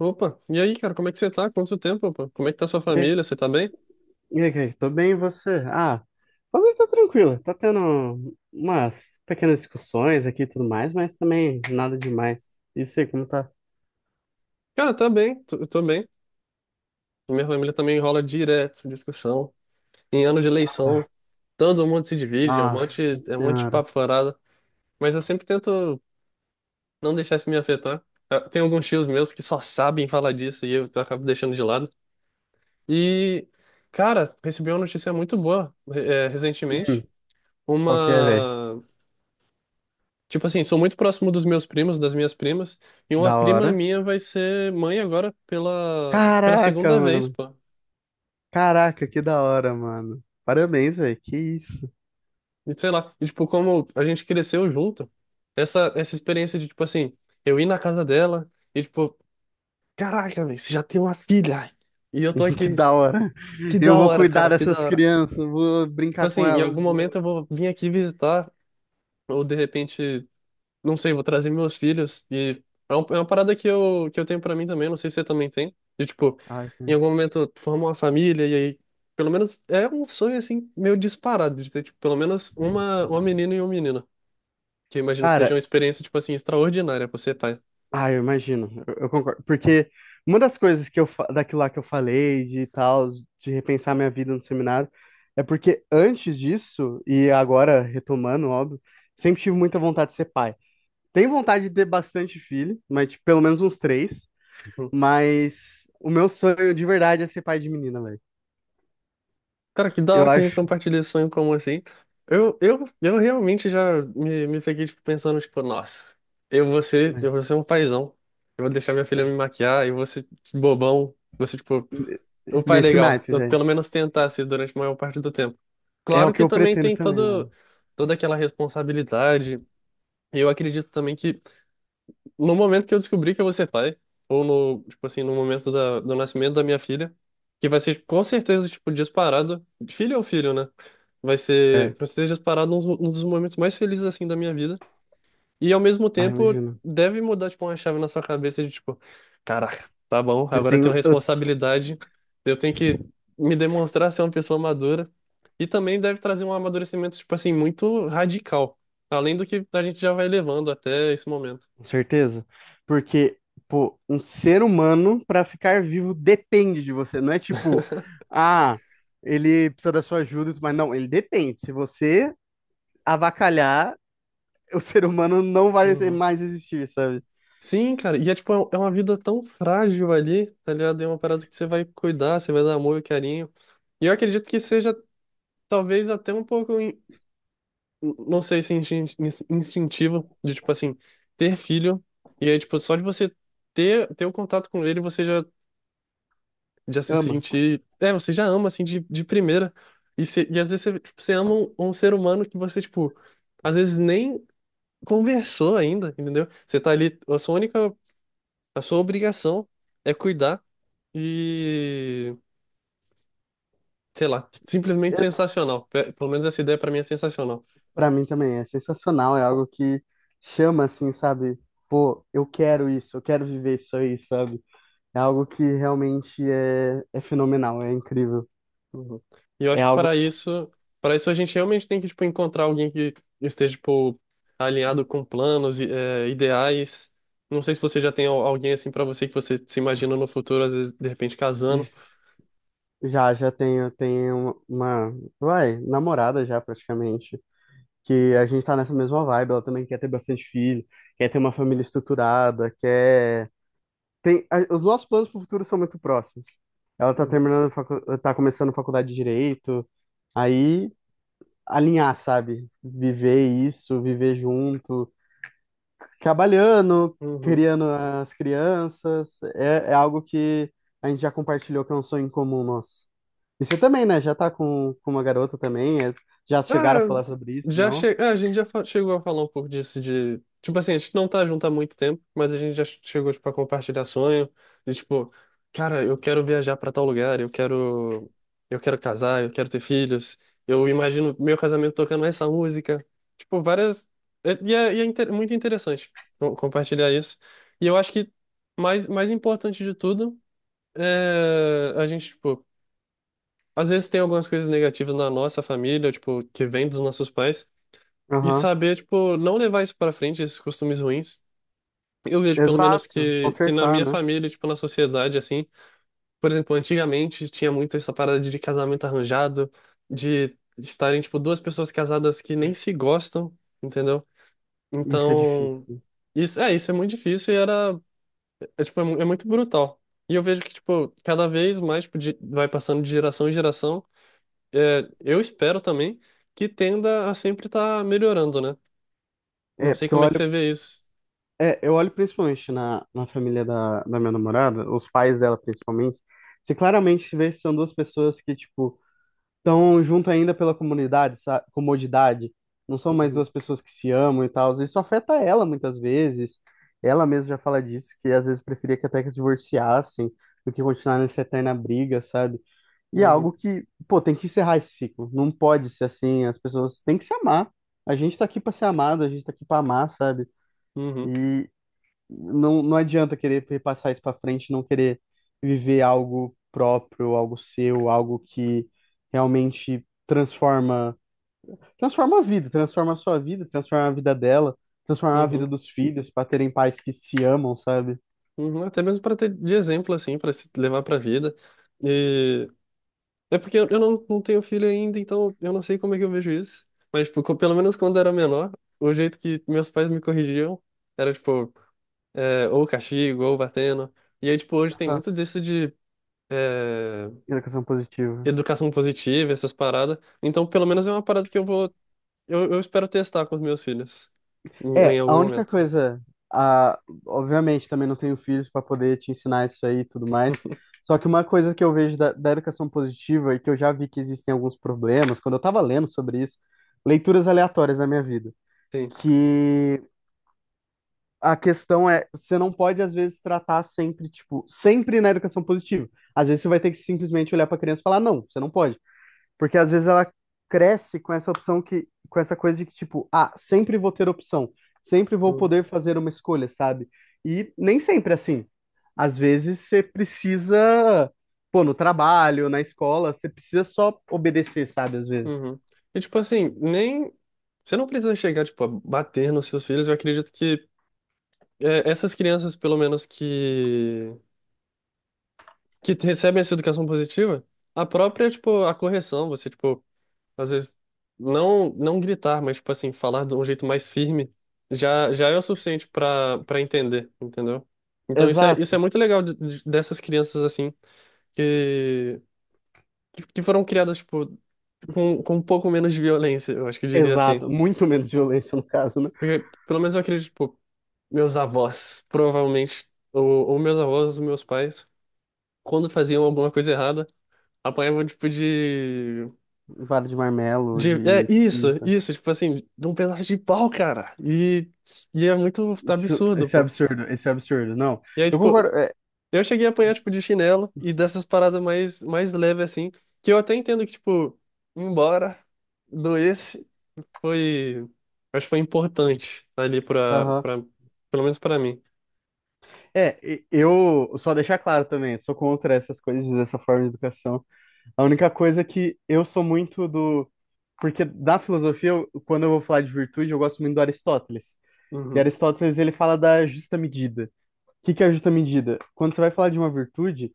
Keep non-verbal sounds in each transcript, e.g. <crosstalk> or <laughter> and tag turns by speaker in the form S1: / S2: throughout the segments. S1: Opa, e aí, cara, como é que você tá? Quanto tempo, pô? Como é que tá sua
S2: E aí,
S1: família? Você tá bem?
S2: Kaique? Tô bem, e você? Ah, também tá tranquilo. Tá tendo umas pequenas discussões aqui e tudo mais, mas também nada demais. Isso aí, como tá?
S1: Cara, tá bem, tô, eu tô bem. Minha família também rola direto, discussão. Em ano de
S2: Ah,
S1: eleição, todo mundo se divide,
S2: nossa
S1: é um monte de
S2: senhora.
S1: papo furado. Mas eu sempre tento não deixar isso me afetar. Ah, tem alguns tios meus que só sabem falar disso e eu acabo deixando de lado. E, cara, recebi uma notícia muito boa,
S2: Hum,
S1: recentemente.
S2: qual que é, velho?
S1: Uma. Tipo assim, sou muito próximo dos meus primos, das minhas primas, e uma
S2: Da
S1: prima
S2: hora.
S1: minha vai ser mãe agora pela
S2: Caraca,
S1: segunda vez,
S2: mano.
S1: pô.
S2: Caraca, que da hora, mano. Parabéns, velho. Que isso. <laughs>
S1: E sei lá, e, tipo, como a gente cresceu junto, essa experiência de, tipo assim, eu ir na casa dela e, tipo, caraca, velho, você já tem uma filha. E eu tô
S2: Que
S1: aqui,
S2: da hora.
S1: que
S2: Eu
S1: da
S2: vou
S1: hora,
S2: cuidar
S1: cara, que da
S2: dessas
S1: hora.
S2: crianças, vou
S1: Tipo
S2: brincar
S1: assim,
S2: com
S1: em
S2: elas.
S1: algum
S2: Vou...
S1: momento eu vou vir aqui visitar, ou de repente, não sei, vou trazer meus filhos. E é uma parada que eu tenho pra mim também, não sei se você também tem. De, tipo,
S2: Ai,
S1: em algum momento tu forma uma família e aí, pelo menos, é um sonho, assim, meio disparado, de ter, tipo, pelo menos uma menina e um menino. Que eu imagino que seja
S2: cara,
S1: uma experiência, tipo assim, extraordinária pra você, tá?
S2: ah, eu imagino, eu concordo, porque uma das coisas que daquilo lá que eu falei de tal, de repensar minha vida no seminário, é porque antes disso, e agora retomando, óbvio, sempre tive muita vontade de ser pai. Tenho vontade de ter bastante filho, mas tipo, pelo menos uns três,
S1: Uhum.
S2: mas o meu sonho de verdade é ser pai de menina, velho.
S1: Cara, que da hora
S2: Eu
S1: que a gente
S2: acho.
S1: compartilha esse sonho comum, assim. Eu realmente já me peguei, tipo, pensando, tipo, nossa, eu
S2: Né,
S1: vou ser um paizão. Eu vou deixar minha filha me
S2: é-
S1: maquiar, eu vou ser bobão, você, tipo. O pai é
S2: Nesse
S1: legal.
S2: naipe,
S1: Eu,
S2: velho.
S1: pelo menos tentasse durante a maior parte do tempo.
S2: É o
S1: Claro
S2: que
S1: que
S2: eu
S1: também
S2: pretendo
S1: tem
S2: também, mano.
S1: todo, toda aquela responsabilidade. Eu acredito também que no momento que eu descobrir que eu vou ser pai, ou no, tipo assim, no momento do nascimento da minha filha, que vai ser com certeza, tipo, disparado, filho ou filho, né? Vai
S2: É.
S1: ser com certeza disparado um dos momentos mais felizes, assim, da minha vida. E ao mesmo
S2: Ah,
S1: tempo,
S2: imagino.
S1: deve mudar, tipo, uma chave na sua cabeça de, tipo, caraca, tá bom,
S2: Eu
S1: agora eu tenho
S2: tenho. Eu
S1: responsabilidade, eu tenho que me demonstrar ser uma pessoa madura. E também deve trazer um amadurecimento, tipo assim, muito radical. Além do que a gente já vai levando até esse momento.
S2: com certeza, porque, pô, um ser humano, para ficar vivo, depende de você. Não é tipo, ah, ele precisa da sua ajuda, e tudo mais. Não, ele depende. Se você avacalhar, <laughs> o ser humano não vai ser-
S1: Uhum.
S2: mais existir, sabe?
S1: Sim, cara, e é tipo, é um, é uma vida tão frágil ali, tá ligado? É uma parada que você vai cuidar, você vai dar amor e carinho. E eu acredito que seja talvez até um pouco, não sei se é instintivo de, tipo assim, ter filho. E aí, tipo, só de você ter o contato com ele, você já, já se
S2: Ama.
S1: sentir. É, você já ama, assim, de primeira. E, e às vezes você, tipo, você ama um, um ser humano que você, tipo, às vezes nem conversou ainda, entendeu? Você tá ali, a sua única, a sua obrigação é cuidar e, sei lá, simplesmente sensacional. Pelo menos essa ideia pra mim é sensacional.
S2: Pra mim também é sensacional, é algo que chama assim, sabe? Pô, eu quero isso, eu quero viver isso aí, sabe? É algo que realmente é fenomenal, é incrível.
S1: Uhum. E eu
S2: É
S1: acho que
S2: algo.
S1: para isso a gente realmente tem que, tipo, encontrar alguém que esteja, tipo, alinhado com planos, e, ideais. Não sei se você já tem alguém assim para você que você se imagina no futuro, às vezes, de repente, casando.
S2: Já, já tenho, tenho uma, vai, namorada já praticamente, que a gente tá nessa mesma vibe, ela também quer ter bastante filho, quer ter uma família estruturada, quer... Tem, os nossos planos pro futuro são muito próximos. Ela tá
S1: Uhum.
S2: terminando, tá começando faculdade de Direito, aí alinhar, sabe? Viver isso, viver junto, trabalhando,
S1: Uhum.
S2: criando as crianças. É, é algo que a gente já compartilhou, que é um sonho em comum nosso. E você também, né? Já tá com uma garota também. Já chegaram a
S1: Ah,
S2: falar sobre isso, não?
S1: a gente chegou a falar um pouco disso de. Tipo assim, a gente não tá junto há muito tempo, mas a gente já chegou, tipo, a compartilhar sonho. De tipo, cara, eu quero viajar pra tal lugar, eu quero. Eu quero casar, eu quero ter filhos. Eu imagino meu casamento tocando essa música. Tipo, várias. E é muito interessante compartilhar isso. E eu acho que mais importante de tudo é a gente, tipo, às vezes tem algumas coisas negativas na nossa família, tipo, que vem dos nossos pais. E
S2: Aham.
S1: saber, tipo, não levar isso pra frente, esses costumes ruins. Eu vejo, pelo menos,
S2: Exato.
S1: que na
S2: Consertar,
S1: minha
S2: né?
S1: família, tipo, na sociedade, assim, por exemplo, antigamente tinha muito essa parada de casamento arranjado, de estarem, tipo, duas pessoas casadas que nem se gostam, entendeu?
S2: Isso é
S1: Então,
S2: difícil.
S1: isso é muito difícil e era, é, tipo, é, é muito brutal. E eu vejo que, tipo, cada vez mais, tipo, vai passando de geração em geração, é, eu espero também que tenda a sempre estar melhorando, né? Não
S2: É,
S1: sei
S2: porque eu
S1: como é que
S2: olho,
S1: você vê isso.
S2: é, eu olho principalmente na, na família da, da minha namorada, os pais dela principalmente, você claramente vê que são duas pessoas que, tipo, estão junto ainda pela comunidade, comodidade. Não são mais
S1: Uhum,
S2: duas pessoas que se amam e tal. Isso afeta ela muitas vezes. Ela mesma já fala disso, que às vezes preferia que até que se divorciassem do que continuar nessa eterna briga, sabe? E é algo
S1: uhum,
S2: que, pô, tem que encerrar esse ciclo. Não pode ser assim. As pessoas têm que se amar. A gente tá aqui pra ser amado, a gente tá aqui pra amar, sabe?
S1: uhum,
S2: E não, não adianta querer repassar isso para frente, não querer viver algo próprio, algo seu, algo que realmente transforma, transforma a vida, transforma a sua vida, transforma a vida dela, transforma a
S1: uhum,
S2: vida dos filhos para terem pais que se amam, sabe?
S1: uhum. Até mesmo para ter de exemplo, assim, para se levar para a vida. E é porque eu não, não tenho filho ainda, então eu não sei como é que eu vejo isso. Mas, tipo, pelo menos quando eu era menor, o jeito que meus pais me corrigiam era, tipo, é, ou castigo, ou batendo. E aí, tipo, hoje tem
S2: Essa
S1: muito disso de é,
S2: educação positiva.
S1: educação positiva, essas paradas. Então, pelo menos é uma parada que eu vou, eu espero testar com os meus filhos em, em
S2: É,
S1: algum
S2: a única
S1: momento.
S2: coisa, a, obviamente também não tenho filhos para poder te ensinar isso aí e tudo mais. Só que uma coisa que eu vejo da, da educação positiva e que eu já vi que existem alguns problemas, quando eu estava lendo sobre isso, leituras aleatórias na minha vida,
S1: Sim.
S2: que a questão é, você não pode às vezes tratar sempre, tipo, sempre na educação positiva. Às vezes você vai ter que simplesmente olhar para a criança e falar, não, você não pode. Porque às vezes ela cresce com essa opção que, com essa coisa de que, tipo, ah, sempre vou ter opção, sempre vou
S1: Hum.
S2: poder fazer uma escolha, sabe? E nem sempre é assim. Às vezes você precisa, pô, no trabalho, na escola, você precisa só obedecer, sabe? Às vezes.
S1: Uhum. E tipo assim, nem. Você não precisa chegar, tipo, a bater nos seus filhos. Eu acredito que é, essas crianças, pelo menos, que. Que recebem essa educação positiva, a própria, tipo, a correção, você, tipo, às vezes não, não gritar, mas, tipo assim, falar de um jeito mais firme, já, já é o suficiente pra para entender, entendeu? Então isso é
S2: Exato,
S1: muito legal dessas crianças, assim, que, que foram criadas, tipo, com um pouco menos de violência, eu acho que eu diria assim.
S2: exato. Muito menos violência, no caso, né?
S1: Porque, pelo menos eu acredito, tipo, meus avós, provavelmente, ou meus avós, ou meus pais, quando faziam alguma coisa errada, apanhavam, tipo,
S2: Vara de marmelo,
S1: É,
S2: de
S1: isso,
S2: cinta.
S1: isso, tipo assim, de um pedaço de pau, cara. E é muito
S2: Isso,
S1: absurdo,
S2: esse é
S1: pô.
S2: absurdo, esse é absurdo. Não,
S1: E aí,
S2: eu
S1: tipo,
S2: concordo. É,
S1: eu cheguei a apanhar, tipo, de chinelo e dessas paradas mais, mais leves, assim, que eu até entendo que, tipo, embora doesse, foi... Acho que foi importante ali pra,
S2: aham.
S1: pra, pelo menos pra mim.
S2: Eu só deixar claro também, sou contra essas coisas, dessa forma de educação. A única coisa é que eu sou muito do. Porque da filosofia, quando eu vou falar de virtude, eu gosto muito do Aristóteles. E
S1: Uhum,
S2: Aristóteles, ele fala da justa medida. O que que é a justa medida? Quando você vai falar de uma virtude,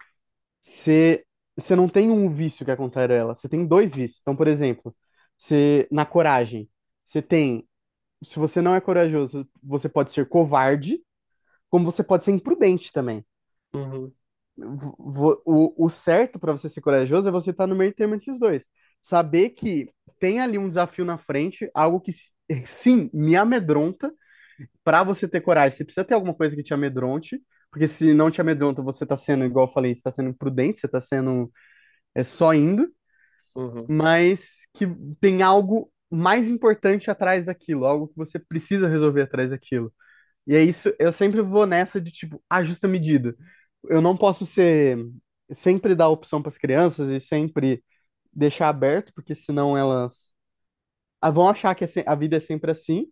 S2: você, você não tem um vício que é contrário a ela, você tem dois vícios. Então, por exemplo, você, na coragem, você tem. Se você não é corajoso, você pode ser covarde, como você pode ser imprudente também.
S1: uhum.
S2: O, o certo para você ser corajoso é você estar no meio termo entre os dois. Saber que tem ali um desafio na frente, algo que <laughs> sim me amedronta, para você ter coragem. Você precisa ter alguma coisa que te amedronte, porque se não te amedronta, você tá sendo, igual eu falei, você tá sendo imprudente, você tá sendo é, só indo,
S1: Uhum,
S2: mas que tem algo mais importante atrás daquilo, algo que você precisa resolver atrás daquilo. E é isso, eu sempre vou nessa de tipo, a justa medida. Eu não posso ser sempre dar opção para as crianças e sempre deixar aberto, porque senão elas ah, vão achar que a vida é sempre assim,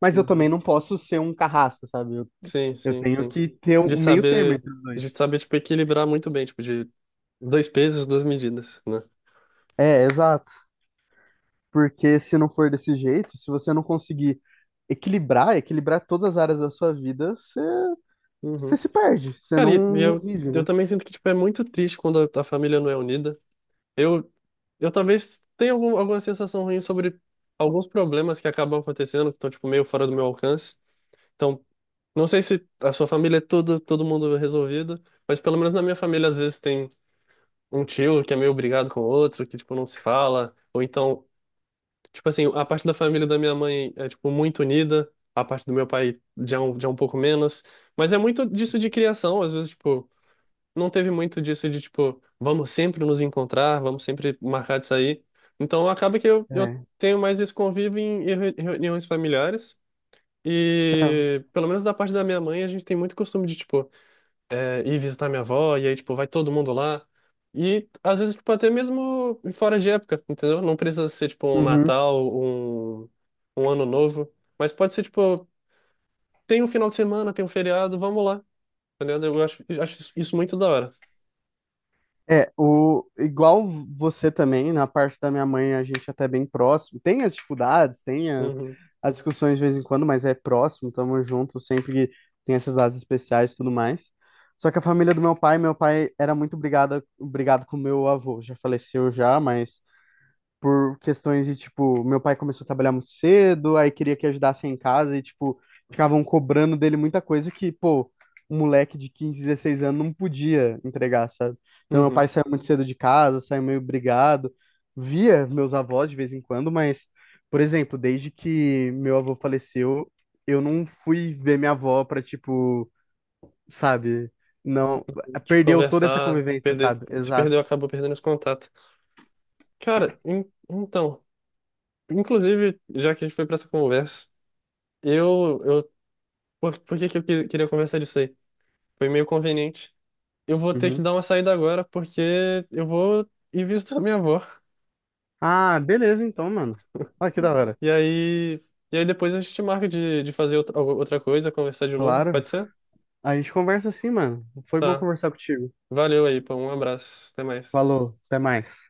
S2: mas eu também
S1: uhum.
S2: não posso ser um carrasco, sabe?
S1: Sim,
S2: Eu
S1: sim,
S2: tenho
S1: sim.
S2: que ter
S1: De
S2: o meio termo
S1: saber,
S2: entre os
S1: de
S2: dois.
S1: saber, tipo, equilibrar muito bem, tipo, de dois pesos, duas medidas, né?
S2: É, exato. Porque se não for desse jeito, se você não conseguir equilibrar, equilibrar todas as áreas da sua vida, você, você
S1: Uhum.
S2: se perde, você
S1: Cara,
S2: não,
S1: e
S2: não vive,
S1: eu
S2: né?
S1: também sinto que, tipo, é muito triste quando a família não é unida. Eu, eu talvez tenha algum, alguma sensação ruim sobre alguns problemas que acabam acontecendo, que estão, tipo, meio fora do meu alcance. Então, não sei se a sua família é todo mundo resolvido, mas pelo menos na minha família, às vezes, tem um tio que é meio brigado com o outro, que, tipo, não se fala, ou então tipo assim, a parte da família da minha mãe é, tipo, muito unida, a parte do meu pai já é um pouco menos, mas é muito disso de criação, às vezes, tipo, não teve muito disso de, tipo, vamos sempre nos encontrar, vamos sempre marcar de sair. Então, acaba que eu
S2: É.
S1: tenho mais esse convívio em reuniões familiares
S2: Então,
S1: e, pelo menos da parte da minha mãe, a gente tem muito costume de, tipo, é, ir visitar minha avó, e aí, tipo, vai todo mundo lá. E às vezes, tipo, até mesmo fora de época, entendeu? Não precisa ser, tipo, um
S2: uhum.
S1: Natal, um Ano Novo, mas pode ser, tipo, tem um final de semana, tem um feriado, vamos lá, entendeu? Eu acho isso muito da hora.
S2: É, o, igual você também, na parte da minha mãe, a gente até é bem próximo. Tem as dificuldades, tem as,
S1: Uhum,
S2: as discussões de vez em quando, mas é próximo, tamo junto, sempre tem essas datas especiais e tudo mais. Só que a família do meu pai era muito obrigado com meu avô, já faleceu já, mas por questões de, tipo, meu pai começou a trabalhar muito cedo, aí queria que ajudasse em casa e, tipo, ficavam cobrando dele muita coisa que, pô, um moleque de 15, 16 anos não podia entregar, sabe? Então, meu
S1: uhum.
S2: pai saiu muito cedo de casa, saiu meio brigado, via meus avós de vez em quando, mas, por exemplo, desde que meu avô faleceu, eu não fui ver minha avó pra, tipo, sabe? Não,
S1: Tipo,
S2: perdeu toda essa
S1: conversar,
S2: convivência,
S1: perder,
S2: sabe?
S1: se
S2: Exato.
S1: perdeu, acabou perdendo esse contato. Cara, então, inclusive, já que a gente foi pra essa conversa, eu, por, queria conversar disso aí? Foi meio conveniente. Eu vou ter que
S2: Uhum.
S1: dar uma saída agora, porque eu vou ir visitar minha avó.
S2: Ah, beleza então, mano. Olha que da hora.
S1: E aí, e aí depois a gente marca de fazer outra, outra coisa, conversar de novo.
S2: Claro.
S1: Pode ser?
S2: A gente conversa assim, mano. Foi bom
S1: Tá.
S2: conversar contigo.
S1: Valeu aí, pô. Um abraço. Até mais.
S2: Falou, até mais.